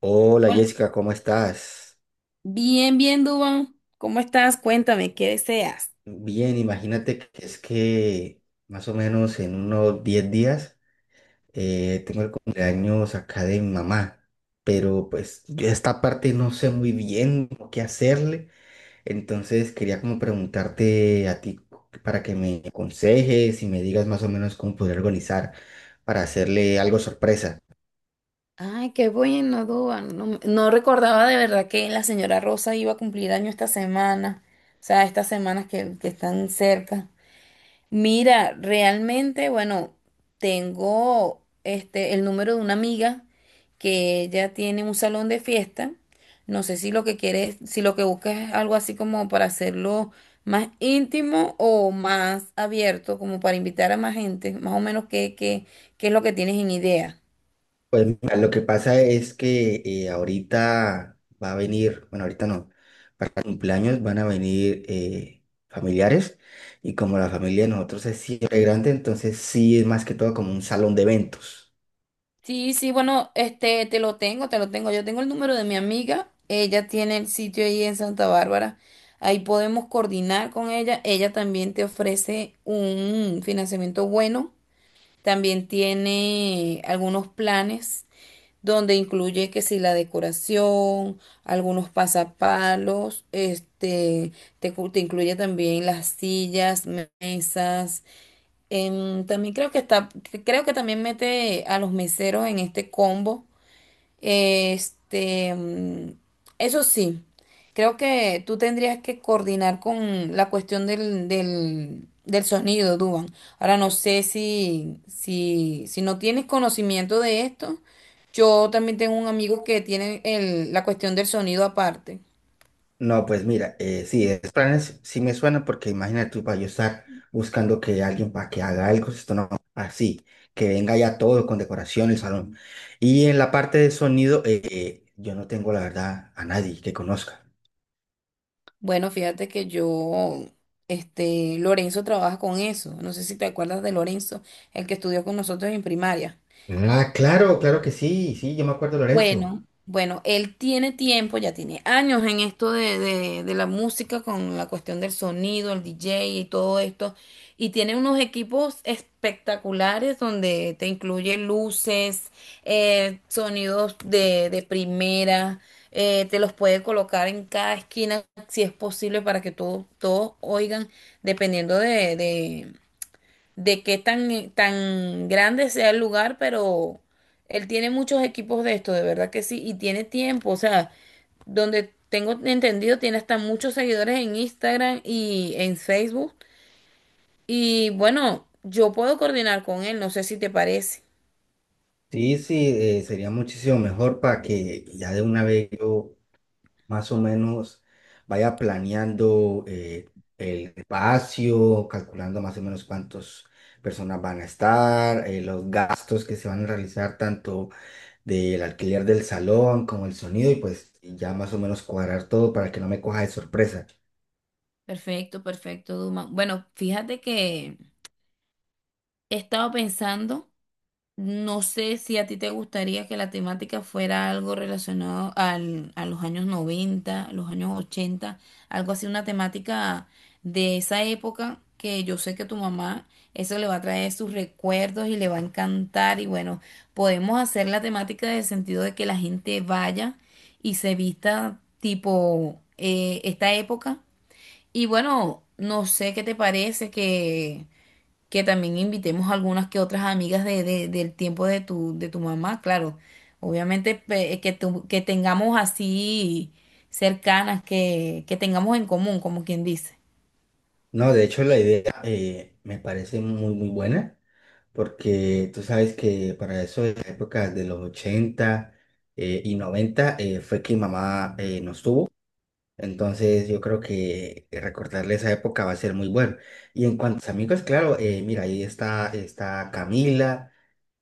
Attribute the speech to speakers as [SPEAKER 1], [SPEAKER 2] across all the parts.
[SPEAKER 1] Hola
[SPEAKER 2] Hola.
[SPEAKER 1] Jessica, ¿cómo estás?
[SPEAKER 2] Bien, bien, Duban. ¿Cómo estás? Cuéntame, ¿qué deseas?
[SPEAKER 1] Bien, imagínate que es que más o menos en unos 10 días, tengo el cumpleaños acá de mi mamá, pero pues yo esta parte no sé muy bien cómo qué hacerle, entonces quería como preguntarte a ti para que me aconsejes y me digas más o menos cómo poder organizar para hacerle algo sorpresa.
[SPEAKER 2] Ay, qué bueno, Duan. No recordaba de verdad que la señora Rosa iba a cumplir año esta semana. O sea, estas semanas que están cerca. Mira, realmente, bueno, tengo este el número de una amiga que ella tiene un salón de fiesta. No sé si lo que quieres, si lo que buscas es algo así como para hacerlo más íntimo o más abierto, como para invitar a más gente, más o menos qué es lo que tienes en idea.
[SPEAKER 1] Pues mira, lo que pasa es que ahorita va a venir, bueno, ahorita no, para el cumpleaños van a venir, familiares, y como la familia de nosotros es siempre grande, entonces sí es más que todo como un salón de eventos.
[SPEAKER 2] Sí, sí, bueno, este, te lo tengo, te lo tengo. Yo tengo el número de mi amiga. Ella tiene el sitio ahí en Santa Bárbara. Ahí podemos coordinar con ella. Ella también te ofrece un financiamiento bueno. También tiene algunos planes donde incluye que si la decoración, algunos pasapalos, este, te incluye también las sillas, mesas. También creo que está, creo que también mete a los meseros en este combo. Este, eso sí, creo que tú tendrías que coordinar con la cuestión del sonido, Duban. Ahora no sé si no tienes conocimiento de esto. Yo también tengo un amigo que tiene la cuestión del sonido aparte.
[SPEAKER 1] No, pues mira, sí, esos planes sí me suena porque imagínate tú para yo estar buscando que alguien para que haga algo, esto no, así, que venga ya todo con decoración el salón. Y en la parte de sonido, yo no tengo la verdad a nadie que conozca.
[SPEAKER 2] Bueno, fíjate que yo, este, Lorenzo trabaja con eso. No sé si te acuerdas de Lorenzo, el que estudió con nosotros en primaria.
[SPEAKER 1] Ah, claro, claro que sí, sí, yo me acuerdo, Lorenzo.
[SPEAKER 2] Bueno, él tiene tiempo, ya tiene años en esto de la música, con la cuestión del sonido, el DJ y todo esto, y tiene unos equipos espectaculares donde te incluye luces, sonidos de primera, te los puede colocar en cada esquina si es posible para que todos todos oigan, dependiendo de qué tan, tan grande sea el lugar, pero él tiene muchos equipos de esto, de verdad que sí, y tiene tiempo, o sea, donde tengo entendido, tiene hasta muchos seguidores en Instagram y en Facebook. Y bueno, yo puedo coordinar con él, no sé si te parece.
[SPEAKER 1] Sí, sí, sería muchísimo mejor para que ya de una vez yo más o menos vaya planeando el espacio, calculando más o menos cuántas personas van a estar, los gastos que se van a realizar tanto del alquiler del salón como el sonido, y pues ya más o menos cuadrar todo para que no me coja de sorpresa.
[SPEAKER 2] Perfecto, perfecto, Duma. Bueno, fíjate que he estado pensando. No sé si a ti te gustaría que la temática fuera algo relacionado a los años 90, los años 80, algo así, una temática de esa época que yo sé que tu mamá eso le va a traer sus recuerdos y le va a encantar y bueno, podemos hacer la temática en el sentido de que la gente vaya y se vista tipo esta época y bueno, no sé qué te parece que también invitemos algunas que otras amigas del tiempo de de tu mamá, claro. Obviamente que tengamos así cercanas, que tengamos en común, como quien dice.
[SPEAKER 1] No, de hecho la idea, me parece muy, muy buena, porque tú sabes que para eso de las épocas de los ochenta, y noventa, fue que mamá, nos tuvo, entonces yo creo que recordarle esa época va a ser muy bueno. Y en cuanto a los amigos, claro, mira, ahí está, está Camila,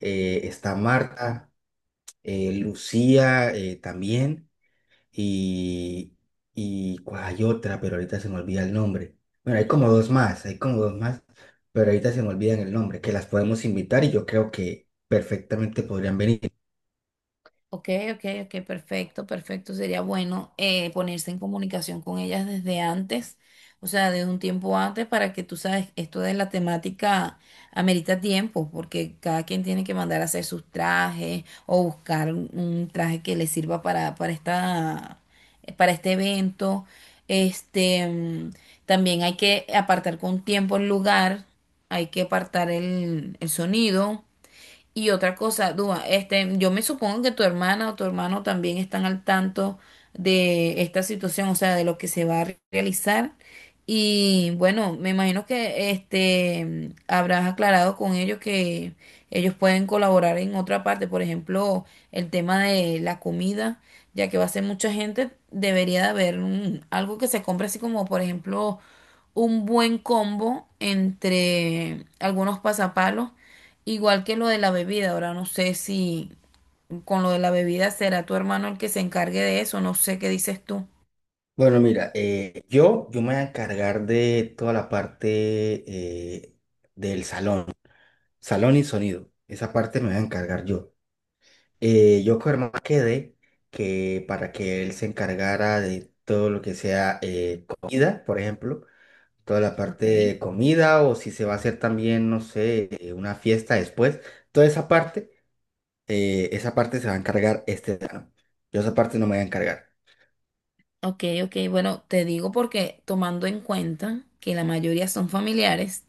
[SPEAKER 1] está Marta, Lucía, también, y, y ¿cuál hay otra? Pero ahorita se me olvida el nombre. Bueno, hay como dos más, pero ahorita se me olvidan el nombre, que las podemos invitar y yo creo que perfectamente podrían venir.
[SPEAKER 2] Ok, ok, ok, perfecto, perfecto. Sería bueno ponerse en comunicación con ellas desde antes, o sea, desde un tiempo antes, para que tú sabes, esto de la temática amerita tiempo, porque cada quien tiene que mandar a hacer sus trajes o buscar un traje que le sirva para esta, para este evento. Este, también hay que apartar con tiempo el lugar, hay que apartar el sonido. Y otra cosa, Dúa, este, yo me supongo que tu hermana o tu hermano también están al tanto de esta situación, o sea, de lo que se va a realizar. Y bueno, me imagino que este habrás aclarado con ellos que ellos pueden colaborar en otra parte, por ejemplo, el tema de la comida, ya que va a ser mucha gente, debería de haber algo que se compre así como, por ejemplo, un buen combo entre algunos pasapalos. Igual que lo de la bebida, ahora no sé si con lo de la bebida será tu hermano el que se encargue de eso, no sé qué dices tú.
[SPEAKER 1] Bueno, mira, yo me voy a encargar de toda la parte, eh, del salón, y sonido. Esa parte me voy a encargar yo. Yo con Germán quedé que para que él se encargara de todo lo que sea, comida, por ejemplo toda la parte
[SPEAKER 2] Ok.
[SPEAKER 1] de comida, o si se va a hacer también, no sé, una fiesta después. Toda esa parte, esa parte se va a encargar este verano. Yo esa parte no me voy a encargar.
[SPEAKER 2] Ok, ok, bueno, te digo porque tomando en cuenta que la mayoría son familiares,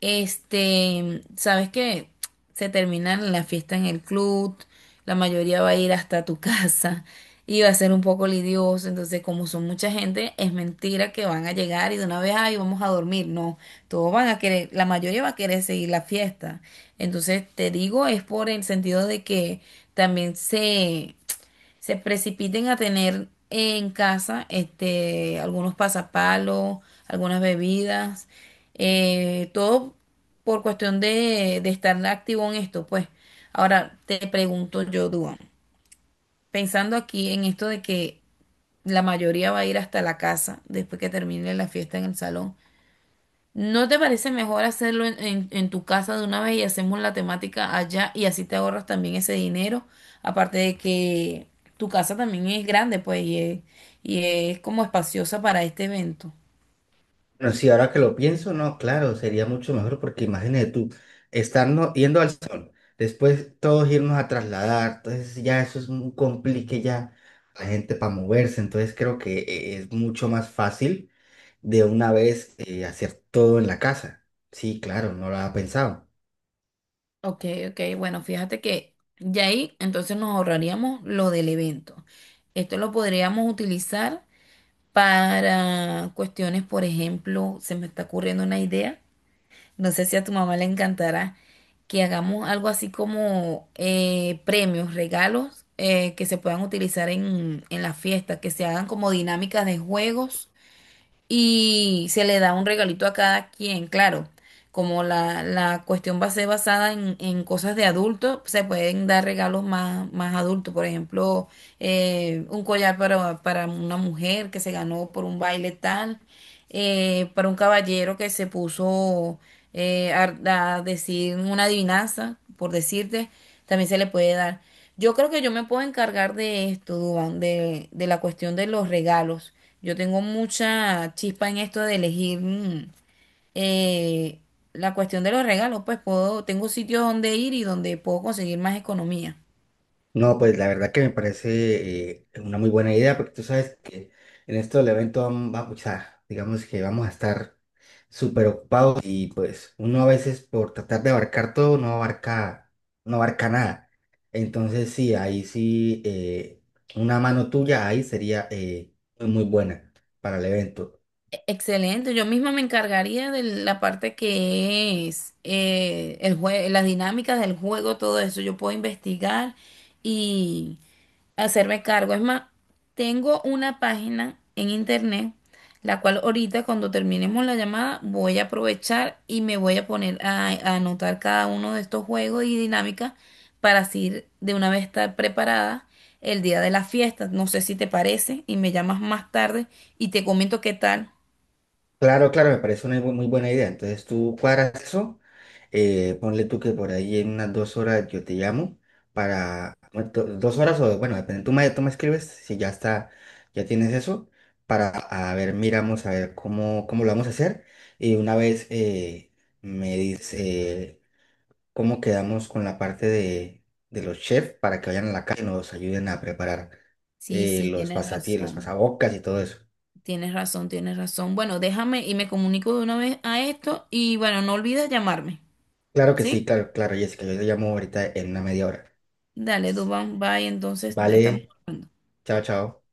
[SPEAKER 2] este, sabes que se termina la fiesta en el club, la mayoría va a ir hasta tu casa y va a ser un poco lidioso, entonces como son mucha gente, es mentira que van a llegar y de una vez, ay, vamos a dormir, no, todos van a querer, la mayoría va a querer seguir la fiesta, entonces te digo, es por el sentido de que también se precipiten a tener en casa este, algunos pasapalos, algunas bebidas, todo por cuestión de estar activo en esto, pues. Ahora te pregunto yo, Duan, pensando aquí en esto de que la mayoría va a ir hasta la casa después que termine la fiesta en el salón, ¿no te parece mejor hacerlo en tu casa de una vez y hacemos la temática allá y así te ahorras también ese dinero? Aparte de que tu casa también es grande, pues, y es como espaciosa para este evento.
[SPEAKER 1] Pero sí, ahora que lo pienso, no, claro, sería mucho mejor porque imagínate tú, estarnos yendo al salón, después todos irnos a trasladar, entonces ya eso es un complique ya la gente para moverse, entonces creo que es mucho más fácil de una vez hacer todo en la casa. Sí, claro, no lo había pensado.
[SPEAKER 2] Ok, ok, bueno, fíjate que ya ahí entonces nos ahorraríamos lo del evento. Esto lo podríamos utilizar para cuestiones, por ejemplo, se me está ocurriendo una idea. No sé si a tu mamá le encantará que hagamos algo así como premios, regalos que se puedan utilizar en la fiesta, que se hagan como dinámicas de juegos y se le da un regalito a cada quien, claro, como la cuestión va a ser basada en cosas de adultos, se pueden dar regalos más adultos. Por ejemplo, un collar para una mujer que se ganó por un baile tal, para un caballero que se puso a decir una adivinanza, por decirte, también se le puede dar. Yo creo que yo me puedo encargar de esto, Duan, de la cuestión de los regalos. Yo tengo mucha chispa en esto de elegir eh, la cuestión de los regalos, pues puedo, tengo sitios donde ir y donde puedo conseguir más economía.
[SPEAKER 1] No, pues la verdad que me parece, una muy buena idea, porque tú sabes que en esto del evento vamos, o sea, digamos que vamos a estar súper ocupados y pues uno a veces por tratar de abarcar todo no abarca, no abarca nada. Entonces sí, ahí sí, una mano tuya ahí sería, muy muy buena para el evento.
[SPEAKER 2] Excelente, yo misma me encargaría de la parte que es las dinámicas del juego, todo eso. Yo puedo investigar y hacerme cargo. Es más, tengo una página en internet, la cual ahorita cuando terminemos la llamada voy a aprovechar y me voy a poner a anotar cada uno de estos juegos y dinámicas para así ir de una vez estar preparada el día de la fiesta. No sé si te parece y me llamas más tarde y te comento qué tal.
[SPEAKER 1] Claro, claro, me parece una muy buena idea. Entonces tú cuadras eso. Ponle tú que por ahí en unas 2 horas yo te llamo para, bueno, 2 horas o, bueno, depende, tú me escribes si ya está, ya tienes eso, para, a ver, miramos a ver cómo, cómo lo vamos a hacer. Y una vez, me dice cómo quedamos con la parte de los chefs para que vayan a la calle y nos ayuden a preparar,
[SPEAKER 2] Sí, sí,
[SPEAKER 1] los
[SPEAKER 2] tienes
[SPEAKER 1] pasatíos, los
[SPEAKER 2] razón,
[SPEAKER 1] pasabocas y todo eso.
[SPEAKER 2] tienes razón, tienes razón. Bueno, déjame y me comunico de una vez a esto y bueno, no olvides llamarme,
[SPEAKER 1] Claro que sí,
[SPEAKER 2] ¿sí?
[SPEAKER 1] claro, claro, Jessica, yo te llamo ahorita en una media hora.
[SPEAKER 2] Dale, Dubán, bye, entonces estamos
[SPEAKER 1] Vale,
[SPEAKER 2] hablando.
[SPEAKER 1] chao, chao.